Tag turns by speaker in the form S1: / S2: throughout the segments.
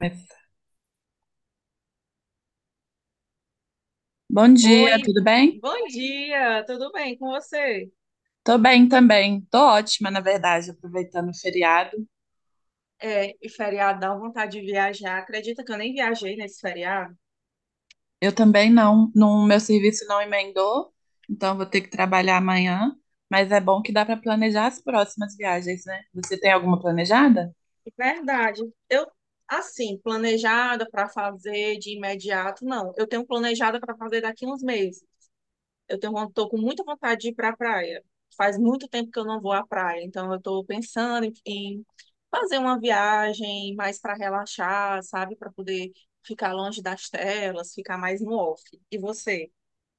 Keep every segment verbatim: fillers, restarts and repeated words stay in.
S1: Mas- Bom dia,
S2: Oi,
S1: tudo bem?
S2: bom dia, tudo bem com você?
S1: Tô bem também. Tô ótima, na verdade, aproveitando o feriado.
S2: É, e feriado dá vontade de viajar. Acredita que eu nem viajei nesse feriado?
S1: Eu também não, no meu serviço não emendou, então vou ter que trabalhar amanhã, mas é bom que dá para planejar as próximas viagens, né? Você tem alguma planejada?
S2: Verdade. Eu, assim, planejada para fazer de imediato, não. Eu tenho planejada para fazer daqui uns meses. Eu tenho, von- tô com muita vontade de ir para a praia. Faz muito tempo que eu não vou à praia, então eu estou pensando em, em fazer uma viagem mais para relaxar, sabe? Para poder ficar longe das telas, ficar mais no off. E você?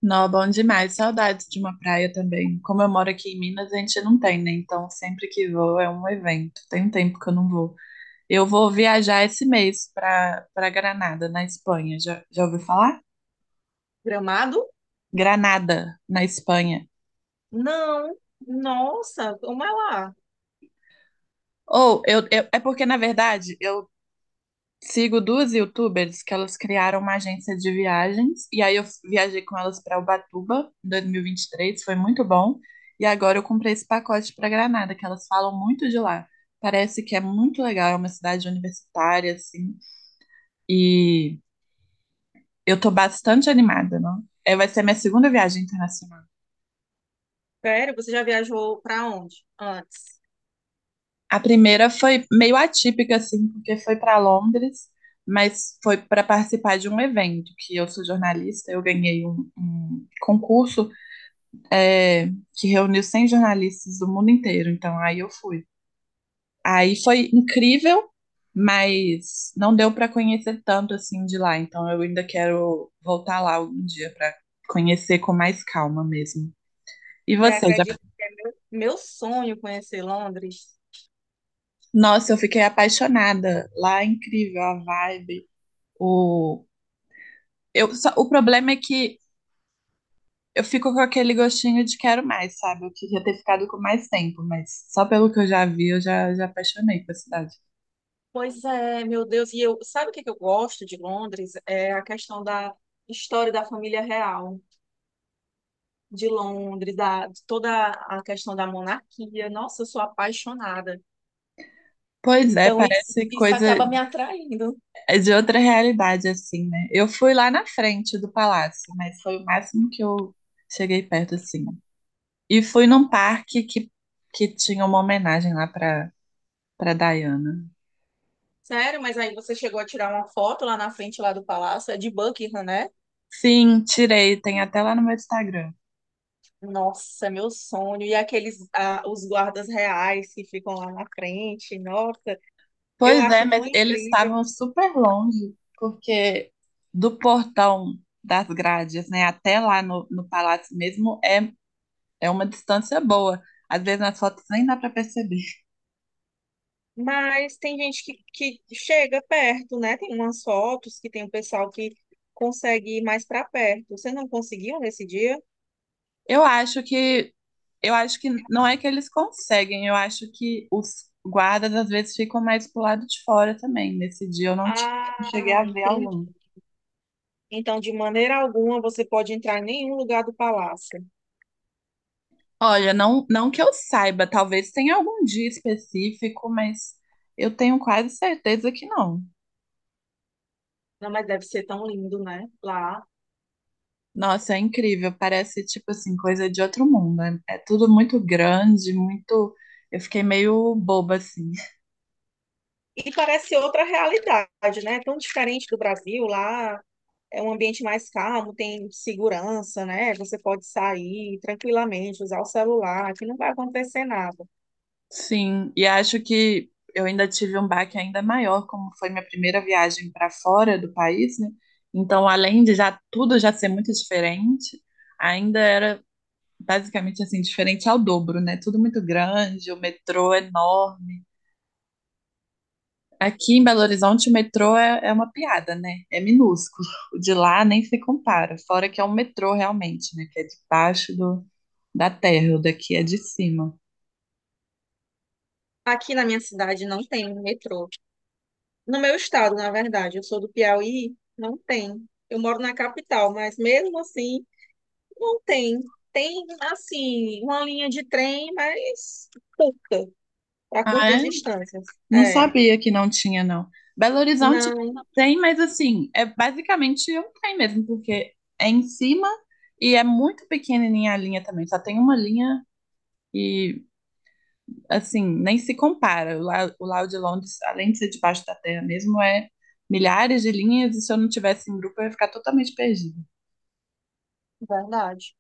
S1: Não, bom demais. Saudades de uma praia também. Como eu moro aqui em Minas, a gente não tem, né? Então sempre que vou é um evento. Tem um tempo que eu não vou. Eu vou viajar esse mês para para Granada, na Espanha. Já, já ouviu falar?
S2: Gramado?
S1: Granada, na Espanha.
S2: Não, nossa, como é lá?
S1: Ou, eu, eu- é porque, na verdade, eu sigo duas youtubers que elas criaram uma agência de viagens, e aí eu viajei com elas para Ubatuba em dois mil e vinte e três, foi muito bom. E agora eu comprei esse pacote para Granada, que elas falam muito de lá. Parece que é muito legal, é uma cidade universitária, assim, e eu tô bastante animada, não? É, vai ser minha segunda viagem internacional.
S2: Sério, você já viajou para onde antes?
S1: A primeira foi meio atípica, assim, porque foi para Londres, mas foi para participar de um evento, que eu sou jornalista, eu ganhei um, um concurso é, que reuniu cem jornalistas do mundo inteiro, então aí eu fui. Aí foi incrível, mas não deu para conhecer tanto assim de lá, então eu ainda quero voltar lá algum dia para conhecer com mais calma mesmo. E
S2: Você
S1: você já?
S2: acredita que é meu, meu sonho conhecer Londres?
S1: Nossa, eu fiquei apaixonada. Lá é incrível a vibe, o Eu, só- o problema é que eu fico com aquele gostinho de quero mais, sabe? Eu queria ter ficado com mais tempo, mas só pelo que eu já vi, eu já, já apaixonei pela cidade.
S2: Pois é, meu Deus, e eu, sabe o que que eu gosto de Londres? É a questão da história da família real de Londres, da de toda a questão da monarquia. Nossa, eu sou apaixonada.
S1: Pois é,
S2: Então isso,
S1: parece
S2: isso
S1: coisa
S2: acaba me atraindo.
S1: de outra realidade, assim, né? Eu fui lá na frente do palácio, mas foi o máximo que eu cheguei perto, assim. E fui num parque que, que tinha uma homenagem lá pra, pra Diana.
S2: Sério, mas aí você chegou a tirar uma foto lá na frente lá do palácio, é de Buckingham, né?
S1: Sim, tirei, tem até lá no meu Instagram.
S2: Nossa, é meu sonho. E aqueles, ah, os guardas reais que ficam lá na frente, nossa, eu
S1: Pois é,
S2: acho tão
S1: mas eles
S2: incrível.
S1: estavam super longe, porque do portão das grades, né, até lá no, no palácio mesmo, é, é uma distância boa. Às vezes nas fotos nem dá para perceber.
S2: Mas tem gente que, que chega perto, né? Tem umas fotos que tem o pessoal que consegue ir mais para perto. Você não conseguiu nesse dia?
S1: Eu acho que eu acho que não é que eles conseguem, eu acho que os guardas às vezes ficam mais pro lado de fora também. Nesse dia eu não, tive- não
S2: Ah,
S1: cheguei a ver
S2: entendi.
S1: algum.
S2: Então, de maneira alguma, você pode entrar em nenhum lugar do palácio.
S1: Olha, não, não que eu saiba, talvez tenha algum dia específico, mas eu tenho quase certeza que não.
S2: Não, mas deve ser tão lindo, né? Lá.
S1: Nossa, é incrível. Parece, tipo assim, coisa de outro mundo. É, é tudo muito grande, muito. Eu fiquei meio boba, assim.
S2: E parece outra realidade, né? Tão diferente do Brasil lá. É um ambiente mais calmo, tem segurança, né? Você pode sair tranquilamente, usar o celular, que não vai acontecer nada.
S1: Sim, e acho que eu ainda tive um baque ainda maior, como foi minha primeira viagem para fora do país, né? Então, além de já tudo já ser muito diferente, ainda era basicamente assim, diferente ao dobro, né? Tudo muito grande, o metrô enorme. Aqui em Belo Horizonte, o metrô é, é uma piada, né? É minúsculo. O de lá nem se compara. Fora que é um metrô realmente, né? Que é debaixo do, da terra, o daqui é de cima.
S2: Aqui na minha cidade não tem um metrô. No meu estado, na verdade, eu sou do Piauí, não tem. Eu moro na capital, mas mesmo assim, não tem. Tem, assim, uma linha de trem, mas curta, para
S1: Ah,
S2: curtas
S1: é?
S2: distâncias.
S1: Não
S2: É,
S1: sabia que não tinha, não. Belo Horizonte
S2: não.
S1: tem, mas assim, é basicamente um trem mesmo, porque é em cima e é muito pequenininha a linha também. Só tem uma linha e assim, nem se compara. O Lau, o Lau de Londres, além de ser debaixo da terra mesmo, é milhares de linhas e se eu não tivesse em grupo eu ia ficar totalmente perdida.
S2: Verdade.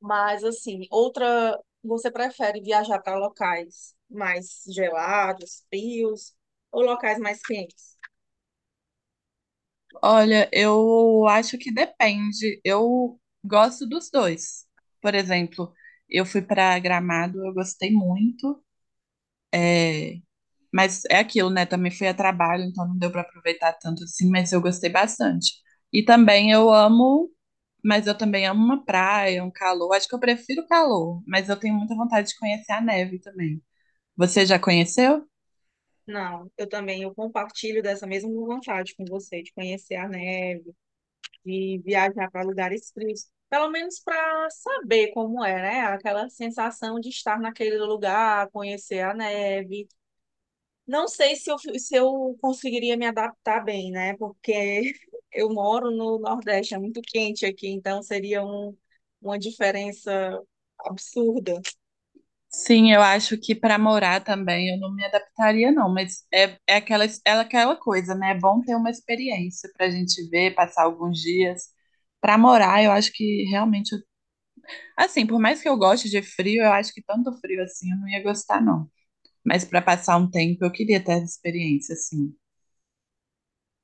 S2: Mas assim, outra, você prefere viajar para locais mais gelados, frios ou locais mais quentes?
S1: Olha, eu acho que depende. Eu gosto dos dois. Por exemplo, eu fui para Gramado, eu gostei muito. É, mas é aquilo, né? Também fui a trabalho, então não deu para aproveitar tanto assim, mas eu gostei bastante. E também eu amo Mas eu também amo uma praia, um calor. Acho que eu prefiro o calor, mas eu tenho muita vontade de conhecer a neve também. Você já conheceu?
S2: Não, eu também eu compartilho dessa mesma vontade com você de conhecer a neve, de viajar para lugares frios, pelo menos para saber como é, né? Aquela sensação de estar naquele lugar, conhecer a neve. Não sei se eu, se eu conseguiria me adaptar bem, né? Porque eu moro no Nordeste, é muito quente aqui, então seria um, uma diferença absurda.
S1: Sim, eu acho que para morar também eu não me adaptaria, não, mas é, é aquela, é aquela coisa, né? É bom ter uma experiência para a gente ver, passar alguns dias. Para morar, eu acho que realmente. Eu- Assim, por mais que eu goste de frio, eu acho que tanto frio assim eu não ia gostar, não. Mas para passar um tempo, eu queria ter essa experiência, assim.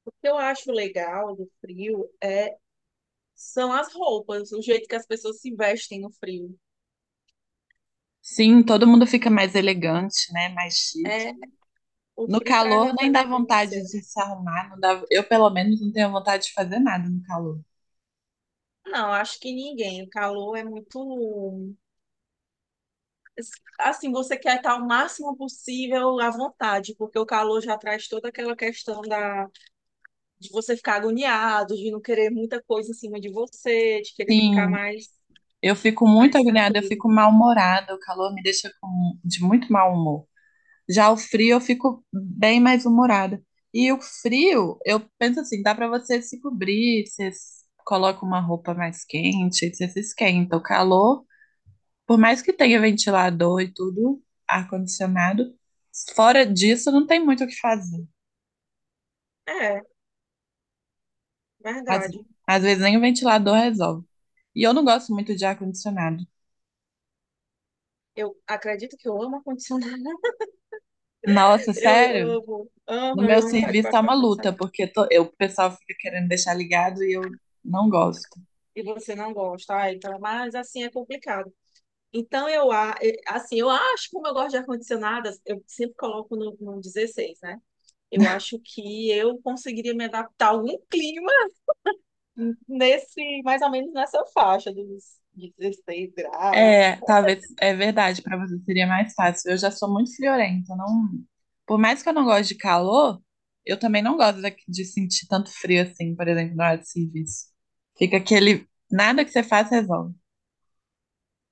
S2: O que eu acho legal do frio é, são as roupas, o jeito que as pessoas se vestem no frio.
S1: Sim, todo mundo fica mais elegante, né? Mais chique.
S2: É, o
S1: No
S2: frio traz
S1: calor
S2: essa
S1: nem dá
S2: elegância.
S1: vontade de se arrumar, não dá... eu pelo menos não tenho vontade de fazer nada no calor.
S2: Não, acho que ninguém. O calor é muito. Assim, você quer estar o máximo possível à vontade, porque o calor já traz toda aquela questão da de você ficar agoniado, de não querer muita coisa em cima de você, de querer ficar
S1: Sim,
S2: mais,
S1: eu fico muito
S2: mais
S1: agoniada, eu
S2: tranquilo.
S1: fico mal-humorada, o calor me deixa com... de muito mau humor. Já o frio eu fico bem mais humorada. E o frio, eu penso assim, dá para você se cobrir, você s- coloca uma roupa mais quente, você se esquenta. O calor Por mais que tenha ventilador e tudo, ar-condicionado, fora disso não tem muito o que fazer.
S2: É,
S1: Às,
S2: verdade.
S1: às vezes nem o ventilador resolve. E eu não gosto muito de ar-condicionado.
S2: Eu acredito que eu amo ar-condicionado.
S1: Nossa,
S2: Eu
S1: sério?
S2: amo.
S1: No
S2: Aham,
S1: meu
S2: eu amo estar
S1: serviço é
S2: debaixo do
S1: uma luta,
S2: ar-condicionado.
S1: porque to- eu, o pessoal fica querendo deixar ligado e eu não gosto.
S2: E você não gosta. Ah, então, mas assim é complicado. Então, eu, a- eh, assim, eu acho, como eu gosto de ar-condicionado, eu sempre coloco no, no dezesseis, né? Eu acho que eu conseguiria me adaptar a algum clima nesse, mais ou menos nessa faixa dos dezesseis graus.
S1: É, talvez é verdade, para você seria mais fácil. Eu já sou muito friorenta, não, por mais que eu não goste de calor, eu também não gosto da- de sentir tanto frio assim, por exemplo, na hora de serviço. Fica aquele, nada que você faz resolve.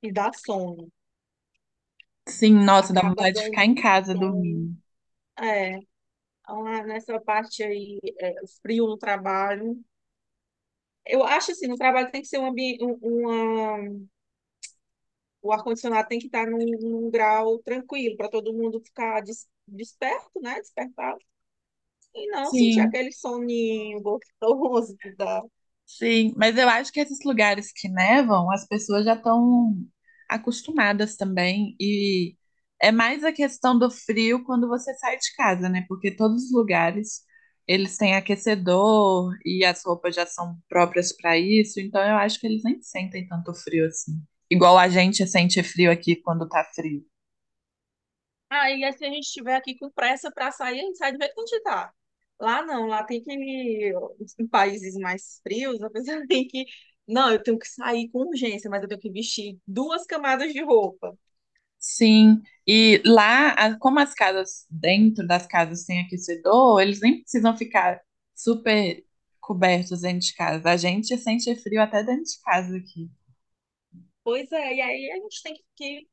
S2: E dá sono.
S1: Sim, nossa, dá
S2: Acaba
S1: vontade de
S2: dando
S1: ficar em
S2: um
S1: casa
S2: sono.
S1: dormindo.
S2: É, lá nessa parte aí, é, frio no trabalho. Eu acho assim, no trabalho tem que ser um ambiente, um, uma, o ar-condicionado tem que estar num, num grau tranquilo para todo mundo ficar des- desperto, né? Despertado. E não sentir
S1: Sim.
S2: aquele soninho gostoso que dá.
S1: Sim, mas eu acho que esses lugares que nevam, as pessoas já estão acostumadas também. E é mais a questão do frio quando você sai de casa, né? Porque todos os lugares eles têm aquecedor e as roupas já são próprias para isso. Então eu acho que eles nem sentem tanto frio assim. Igual a gente sente frio aqui quando tá frio.
S2: Aí, se a gente estiver aqui com pressa para sair, a gente sai do jeito que a gente tá. Lá não, lá tem que. Em países mais frios, a pessoa tem que. Não, eu tenho que sair com urgência, mas eu tenho que vestir duas camadas de roupa.
S1: Sim, e lá, a- como as casas, dentro das casas tem aquecedor, eles nem precisam ficar super cobertos dentro de casa. A gente sente frio até dentro de casa aqui.
S2: Pois é, e aí a gente tem que. Que-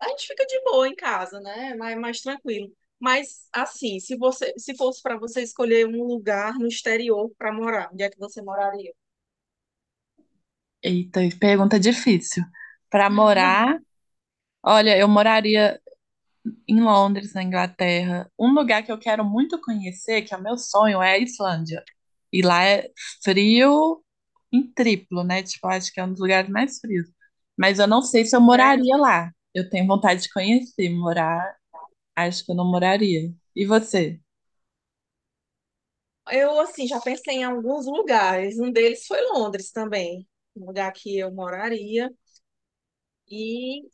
S2: A gente fica de boa em casa, né? Mais, mais tranquilo. Mas, assim, se você, se fosse para você escolher um lugar no exterior para morar, onde é que você moraria?
S1: Eita, pergunta difícil. Para morar, olha, eu moraria em Londres, na Inglaterra. Um lugar que eu quero muito conhecer, que é o meu sonho, é a Islândia. E lá é frio, em triplo, né? Tipo, acho que é um dos lugares mais frios. Mas eu não sei se eu
S2: É.
S1: moraria lá. Eu tenho vontade de conhecer, morar, acho que eu não moraria. E você?
S2: Eu, assim, já pensei em alguns lugares. Um deles foi Londres também, um lugar que eu moraria. E,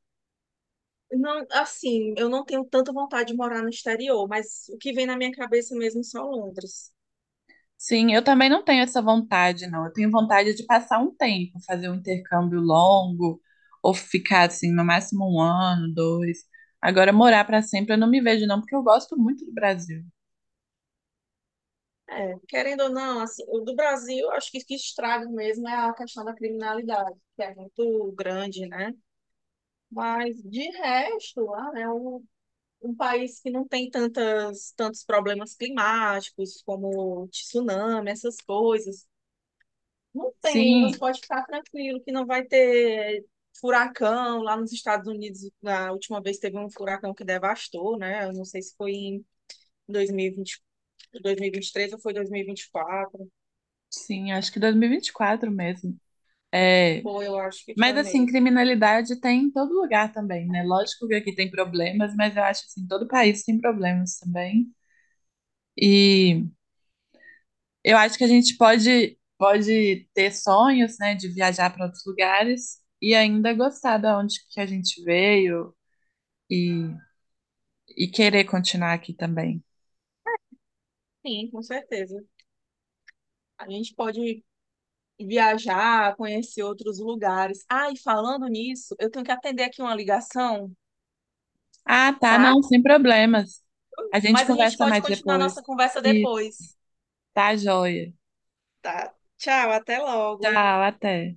S2: não, assim, eu não tenho tanta vontade de morar no exterior, mas o que vem na minha cabeça mesmo é só Londres.
S1: Sim, eu também não tenho essa vontade, não. Eu tenho vontade de passar um tempo, fazer um intercâmbio longo, ou ficar assim, no máximo um ano, dois. Agora, morar para sempre, eu não me vejo, não, porque eu gosto muito do Brasil.
S2: É, querendo ou não, assim, o do Brasil, eu acho que o que estraga mesmo é a questão da criminalidade, que é muito grande, né? Mas, de resto, lá, é o um país que não tem tantas, tantos problemas climáticos, como tsunami, essas coisas. Não tem, você
S1: Sim,
S2: pode ficar tranquilo que não vai ter furacão. Lá nos Estados Unidos, na última vez teve um furacão que devastou, né? Eu não sei se foi em dois dois mil mil e e vinte dois mil e vinte e três ou foi dois mil e e vinte e quatro.
S1: sim, acho que dois mil e vinte e quatro mesmo. É,
S2: Foi, eu acho que
S1: mas
S2: foi
S1: assim,
S2: mesmo.
S1: criminalidade tem em todo lugar também, né? Lógico que aqui tem problemas, mas eu acho assim, todo país tem problemas também. E eu acho que a gente pode pode ter sonhos, né, de viajar para outros lugares e ainda gostar da onde que a gente veio e, e querer continuar aqui também.
S2: Sim, com certeza. A gente pode viajar, conhecer outros lugares. Ah, e falando nisso, eu tenho que atender aqui uma ligação,
S1: Ah, tá,
S2: tá?
S1: não, sem problemas. A gente
S2: Mas a gente
S1: conversa
S2: pode
S1: mais
S2: continuar
S1: depois.
S2: nossa conversa
S1: Isso,
S2: depois,
S1: tá joia.
S2: tá? Tchau, até logo.
S1: Tchau, até.